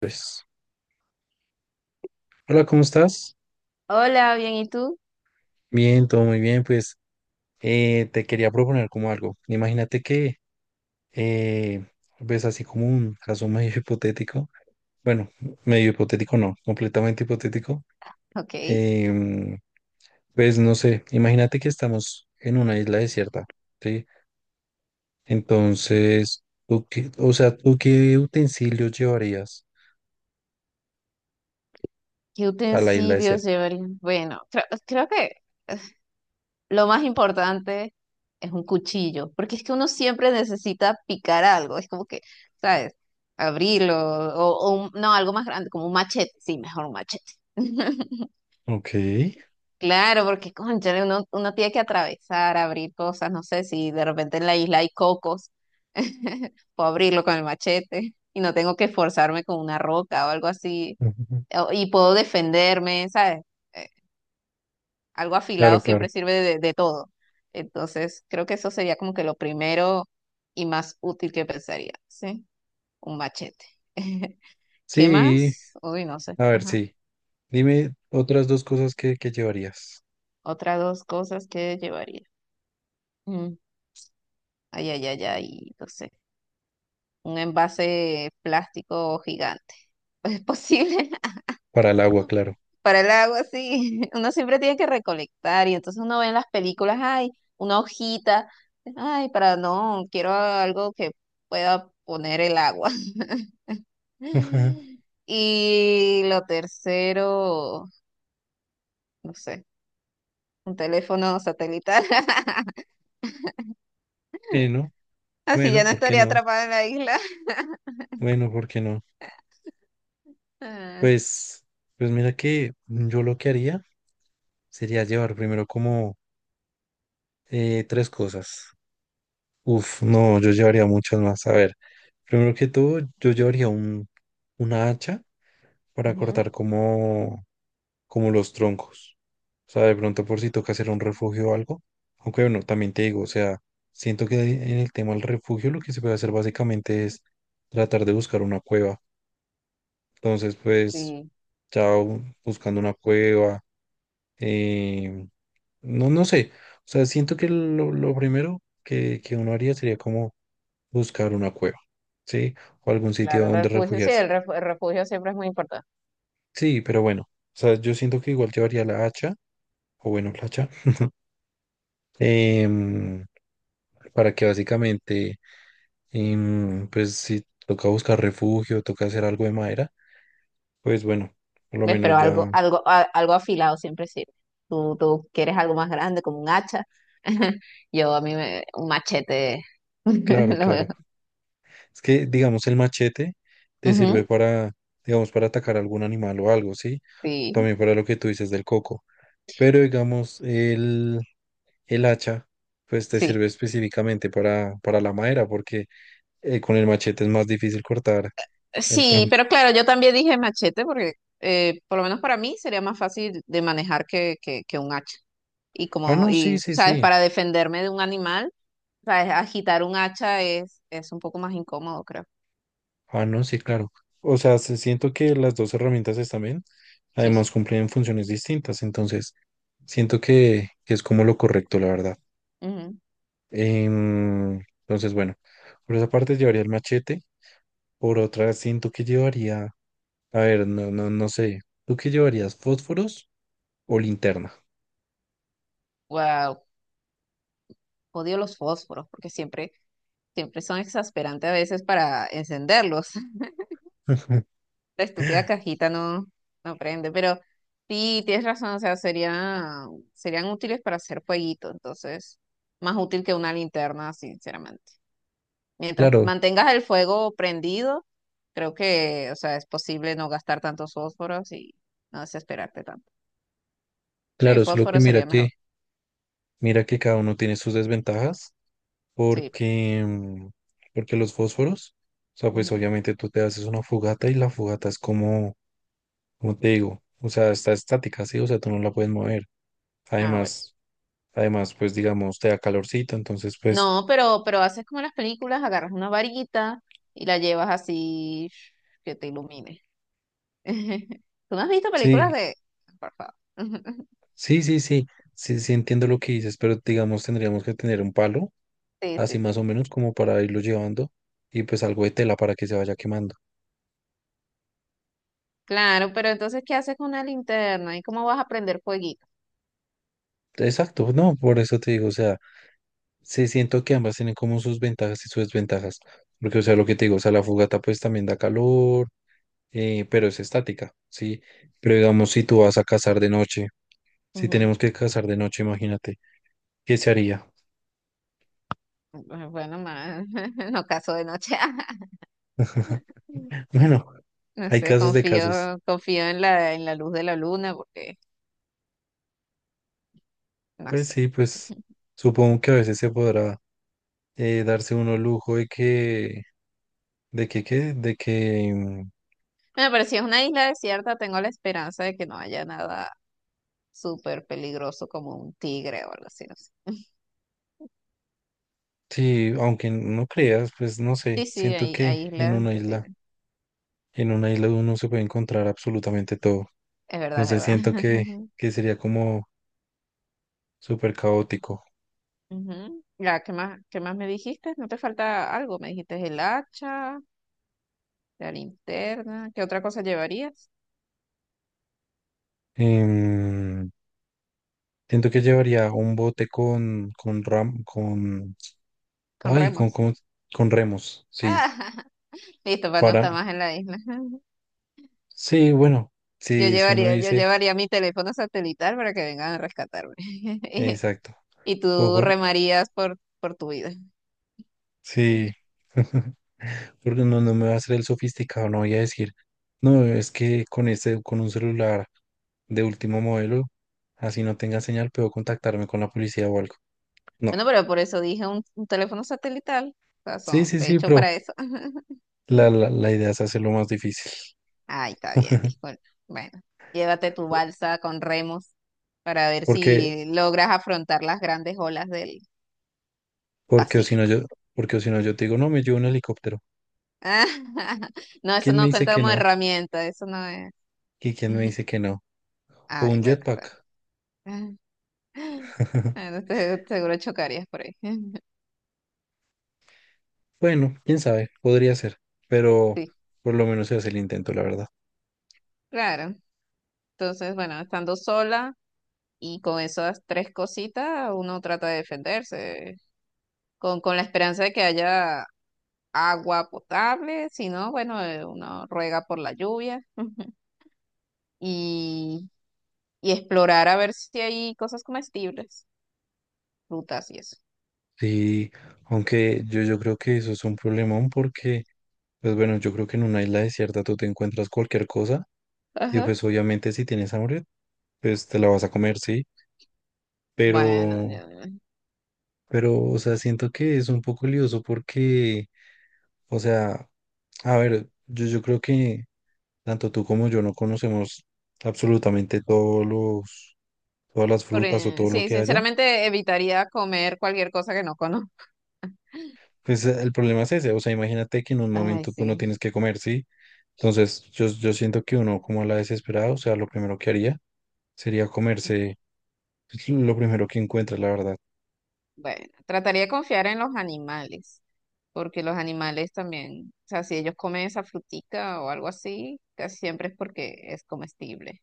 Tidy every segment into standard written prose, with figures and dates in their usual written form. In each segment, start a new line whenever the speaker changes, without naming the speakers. Pues, hola, ¿cómo estás?
Hola, bien, ¿y tú?
Bien, todo muy bien. Pues te quería proponer como algo. Imagínate que, eh, pues así como un caso medio hipotético, bueno, medio hipotético no, completamente hipotético.
Ok. ¿Qué
em, pues no sé, imagínate que estamos en una isla desierta, ¿sí? Entonces, o sea, ¿tú qué utensilios llevarías a la isla
utensilios
desierta?
llevaría? Bueno, creo que eh, lo más importante es un cuchillo, porque es que uno siempre necesita picar algo, es como que, ¿sabes? Abrirlo, o no, algo más grande, como un machete, sí, mejor un machete.
Ok.
Claro, porque cónchale, uno tiene que atravesar, abrir cosas, no sé si de repente en la isla hay cocos. Puedo abrirlo con el machete y no tengo que esforzarme con una roca o algo así
Ujú.
y puedo defenderme, ¿sabes? Eh, Algo
Claro,
afilado
claro.
siempre sirve de todo. Entonces, creo que eso sería como que lo primero y más útil que pensaría, ¿sí? Un machete. ¿Qué
Sí,
más? Uy, no sé.
a ver,
Ajá.
sí. Dime otras dos cosas que llevarías.
Otras dos cosas que llevaría. Mm, ay, ay, ay, ay, no sé. Un envase plástico gigante. ¿Es posible?
Para el agua, claro.
Para el agua, sí. Uno siempre tiene que recolectar y entonces uno ve en las películas, ay, una hojita, ay, para no, quiero algo que pueda poner el agua.
Ajá.
Y lo tercero, no sé, un teléfono satelital.
Bueno,
Así ya
bueno,
no
¿por qué
estaría
no?
atrapada en la isla.
Bueno, ¿por qué no?
Ah,
Pues, pues mira que yo lo que haría sería llevar primero como tres cosas. Uf, no, yo llevaría muchas más. A ver, primero que todo, una hacha para
ujú,
cortar como los troncos. O sea, de pronto por si toca hacer un refugio o algo. Aunque bueno, también te digo, o sea, siento que en el tema del refugio lo que se puede hacer básicamente es tratar de buscar una cueva. Entonces, pues,
sí,
buscando una cueva, eh, no, no sé. O sea, siento que lo primero que uno haría sería como buscar una cueva, ¿sí? O algún sitio
claro, el
donde
refugio, sí,
refugiarse.
el refugio siempre es muy importante.
Sí, pero bueno, o sea, yo siento que igual llevaría la hacha, o bueno, la hacha. em, para que básicamente, pues si toca buscar refugio, toca hacer algo de madera, pues bueno, por lo
¿Ves?
menos
Pero algo,
ya,
algo, algo afilado siempre sirve. Tú quieres algo más grande, como un hacha. Yo a mí me, un machete.
claro,
Lo veo.
claro. Es que, digamos, el machete te sirve
Ujú,
para, digamos, para atacar algún animal o algo, ¿sí?
sí,
También para lo que tú dices del coco. Pero, digamos, el hacha, pues te
sí.
sirve específicamente para la madera, porque con el machete es más difícil cortar el
Sí,
tronco.
pero claro, yo también dije machete porque por lo menos para mí sería más fácil de manejar que, que un hacha. Y
Ah,
como,
no, sí,
y,
sí,
¿sabes?
sí.
Para defenderme de un animal, ¿sabes? Agitar un hacha es un poco más incómodo, creo.
Ah, no, sí, claro. O sea, siento que las dos herramientas están bien.
Sí,
Además,
sí.
cumplen funciones distintas. Entonces, siento que es como lo correcto, la verdad. Em, entonces, bueno, por esa parte llevaría el machete. Por otra, siento que llevaría. A ver, no, no, no sé. ¿Tú qué llevarías? ¿Fósforos o linterna?
Wow, odio los fósforos porque siempre, siempre son exasperantes a veces para encenderlos. La estúpida cajita no, no prende, pero sí, tienes razón, o sea, sería, serían útiles para hacer fueguito, entonces, más útil que una linterna, sinceramente. Mientras
Claro,
mantengas el fuego prendido, creo que, o sea, es posible no gastar tantos fósforos y no desesperarte tanto. Sí,
claro, solo que
fósforo
mira
sería
que,
mejor.
mira que cada uno tiene sus desventajas.
Sí.
Porque, porque los fósforos, o sea, pues
Ujú.
obviamente tú te haces una fogata y la fogata es como, como te digo, o sea, está estática, sí, o sea, tú no la puedes mover.
Ah, bueno.
Además, además, pues digamos, te da calorcito, entonces, pues
No, pero haces como en las películas, agarras una varita y la llevas así que te ilumine. ¿Tú no has visto películas
sí,
de... Por favor?
sí, sí, sí, sí, sí entiendo lo que dices, pero digamos, tendríamos que tener un palo,
Sí,
así
sí,
más
sí.
o menos, como para irlo llevando y pues algo de tela para que se vaya quemando.
Claro, pero entonces, ¿qué haces con una linterna? ¿Y cómo vas a prender fueguito?
Exacto, no, por eso te digo, o sea, se siento que ambas tienen como sus ventajas y sus desventajas, porque, o sea, lo que te digo, o sea, la fogata pues también da calor, pero es estática, ¿sí? Pero digamos, si tú vas a cazar de noche, si
Ujú.
tenemos que cazar de noche, imagínate, ¿qué se haría?
Bueno, más, no caso de noche.
Bueno,
No
hay
sé,
casos de casos.
confío en la luz de la luna porque, no
Pues
sé.
sí, pues supongo que a veces se podrá darse uno el lujo de que, ¿qué? De que
Bueno, pero si es una isla desierta, tengo la esperanza de que no haya nada súper peligroso como un tigre o algo así, no sé.
sí, aunque no creas, pues no sé,
Sí, sí,
siento
hay,
que
hay islas que tienen.
en una isla uno se puede encontrar absolutamente todo.
Es verdad, es
Entonces siento
verdad.
que sería como súper caótico.
Ujú. Ya, qué más me dijiste? ¿No te falta algo? Me dijiste el hacha, la linterna. ¿Qué otra cosa llevarías?
Em, Siento que llevaría un bote con, con,
Con
ay,
remos.
con remos, sí,
Ah, listo, para no
para,
estar más en la isla.
sí, bueno,
Yo
sí, si uno
llevaría, yo
dice,
llevaría mi teléfono satelital para que vengan a rescatarme. Y,
exacto,
y
o
tú
por-
remarías por tu vida.
sí, porque no, no me va a hacer el sofisticado, no voy a decir, no, es que con este, con un celular de último modelo, así no tenga señal, puedo contactarme con la policía o algo. No.
Bueno, pero por eso dije un teléfono satelital. O sea,
Sí,
son,
sí,
de
sí,
hecho,
pero
para eso.
la idea es hacerlo más difícil.
Ay, está bien, disculpa. Bueno, llévate tu balsa con remos para ver
Porque,
si logras afrontar las grandes olas del
porque o si no
Pacífico.
yo, porque o si no yo te digo, no, me llevo un helicóptero.
No, eso
¿Quién me
no
dice
cuenta
que
como
no?
herramienta, eso no es.
¿Y quién me dice que no? O
Ay,
un
bueno, está
jetpack.
bien. Bueno, seguro chocarías por ahí.
Bueno, quién sabe, podría ser, pero
Sí,
por lo menos se hace el intento, la verdad.
claro. Entonces, bueno, estando sola y con esas tres cositas, uno trata de defenderse, con la esperanza de que haya agua potable, si no, bueno, uno ruega por la lluvia y, y explorar a ver si hay cosas comestibles, frutas y eso.
Sí, aunque yo creo que eso es un problemón porque, pues bueno, yo creo que en una isla desierta tú te encuentras cualquier cosa. Y
Ajá.
pues obviamente si tienes hambre, pues te la vas a comer, sí,
Bueno,
pero,
ya, ya.
pero, o sea, siento que es un poco lioso porque, o sea, a ver, yo creo que tanto tú como yo no conocemos absolutamente todas las
Por,
frutas o todo lo
sí,
que haya.
sinceramente evitaría comer cualquier cosa que no conozco.
Pues el problema es ese, o sea, imagínate que en un
Ay,
momento tú no
sí.
tienes que comer, sí. Entonces, yo siento que uno como a la desesperada, o sea, lo primero que haría sería
Ujú.
comerse pues, lo primero que encuentra, la verdad.
Bueno, trataría de confiar en los animales, porque los animales también, o sea, si ellos comen esa frutica o algo así, casi siempre es porque es comestible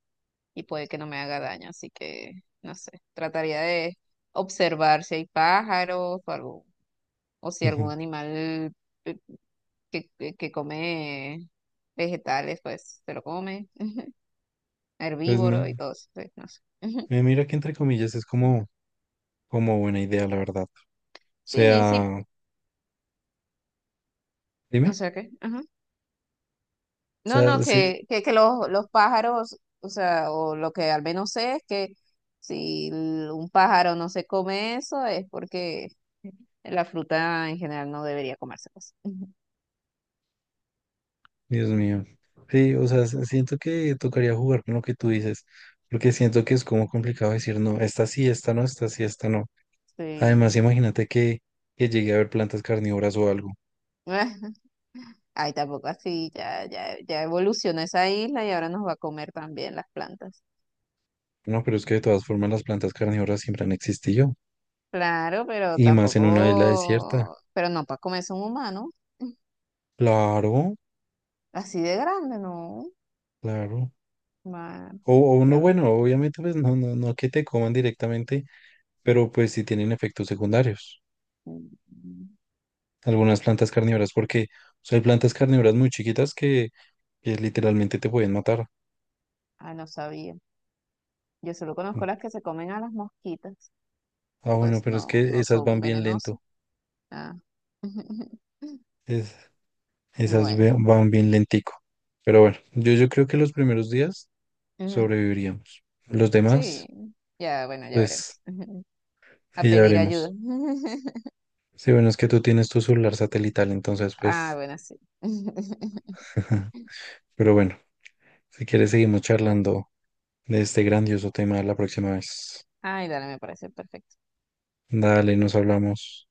y puede que no me haga daño, así que no sé, trataría de observar si hay pájaros o algo, o si algún animal que come vegetales, pues se lo come.
Pues
Herbívoro y
me,
todo eso, sí, no sé. Ujú.
Mira que entre comillas es como, como buena idea, la verdad. O
Sí, sí,
sea,
o
dime.
sea que, ajá.
O
No, no,
sea, sí,
que los pájaros, o sea, o lo que al menos sé es que si un pájaro no se come eso es porque la fruta en general no debería comerse, pues. Ujú.
Dios mío. Sí, o sea, siento que tocaría jugar con lo que tú dices, porque siento que es como complicado decir, no, esta sí, esta no, esta sí, esta no. Además,
Sí.
imagínate que llegue a haber plantas carnívoras o algo.
Ay, tampoco así, ya, ya, ya evolucionó esa isla y ahora nos va a comer también las plantas.
No, pero es que de todas formas las plantas carnívoras siempre han existido,
Claro, pero
y más en una isla desierta.
tampoco, pero no para comerse un humano,
Claro,
así de grande, no.
claro.
Ma-
O
qué
no,
bra-
bueno, obviamente, pues no, no, no que te coman directamente, pero pues sí tienen efectos secundarios.
mm,
Algunas plantas carnívoras, porque o sea, hay plantas carnívoras muy chiquitas que literalmente te pueden matar.
ah, no sabía. Yo solo conozco las que se comen a las mosquitas y
Ah, bueno,
pues
pero es
no,
que
no
esas
son
van bien lento.
venenosas. Ah.
Es- Esas
Bueno,
van bien lentico. Pero bueno, yo creo que los primeros días
ujú,
sobreviviríamos. Los
sí,
demás,
ya, bueno, ya
pues,
veremos. A
ahí ya
pedir ayuda.
veremos. Sí, bueno, es que tú tienes tu celular satelital, entonces,
Ah,
pues,
bueno, sí.
pero bueno, si quieres seguimos charlando de este grandioso tema la próxima vez.
Ay, dale, me parece perfecto.
Dale, nos hablamos.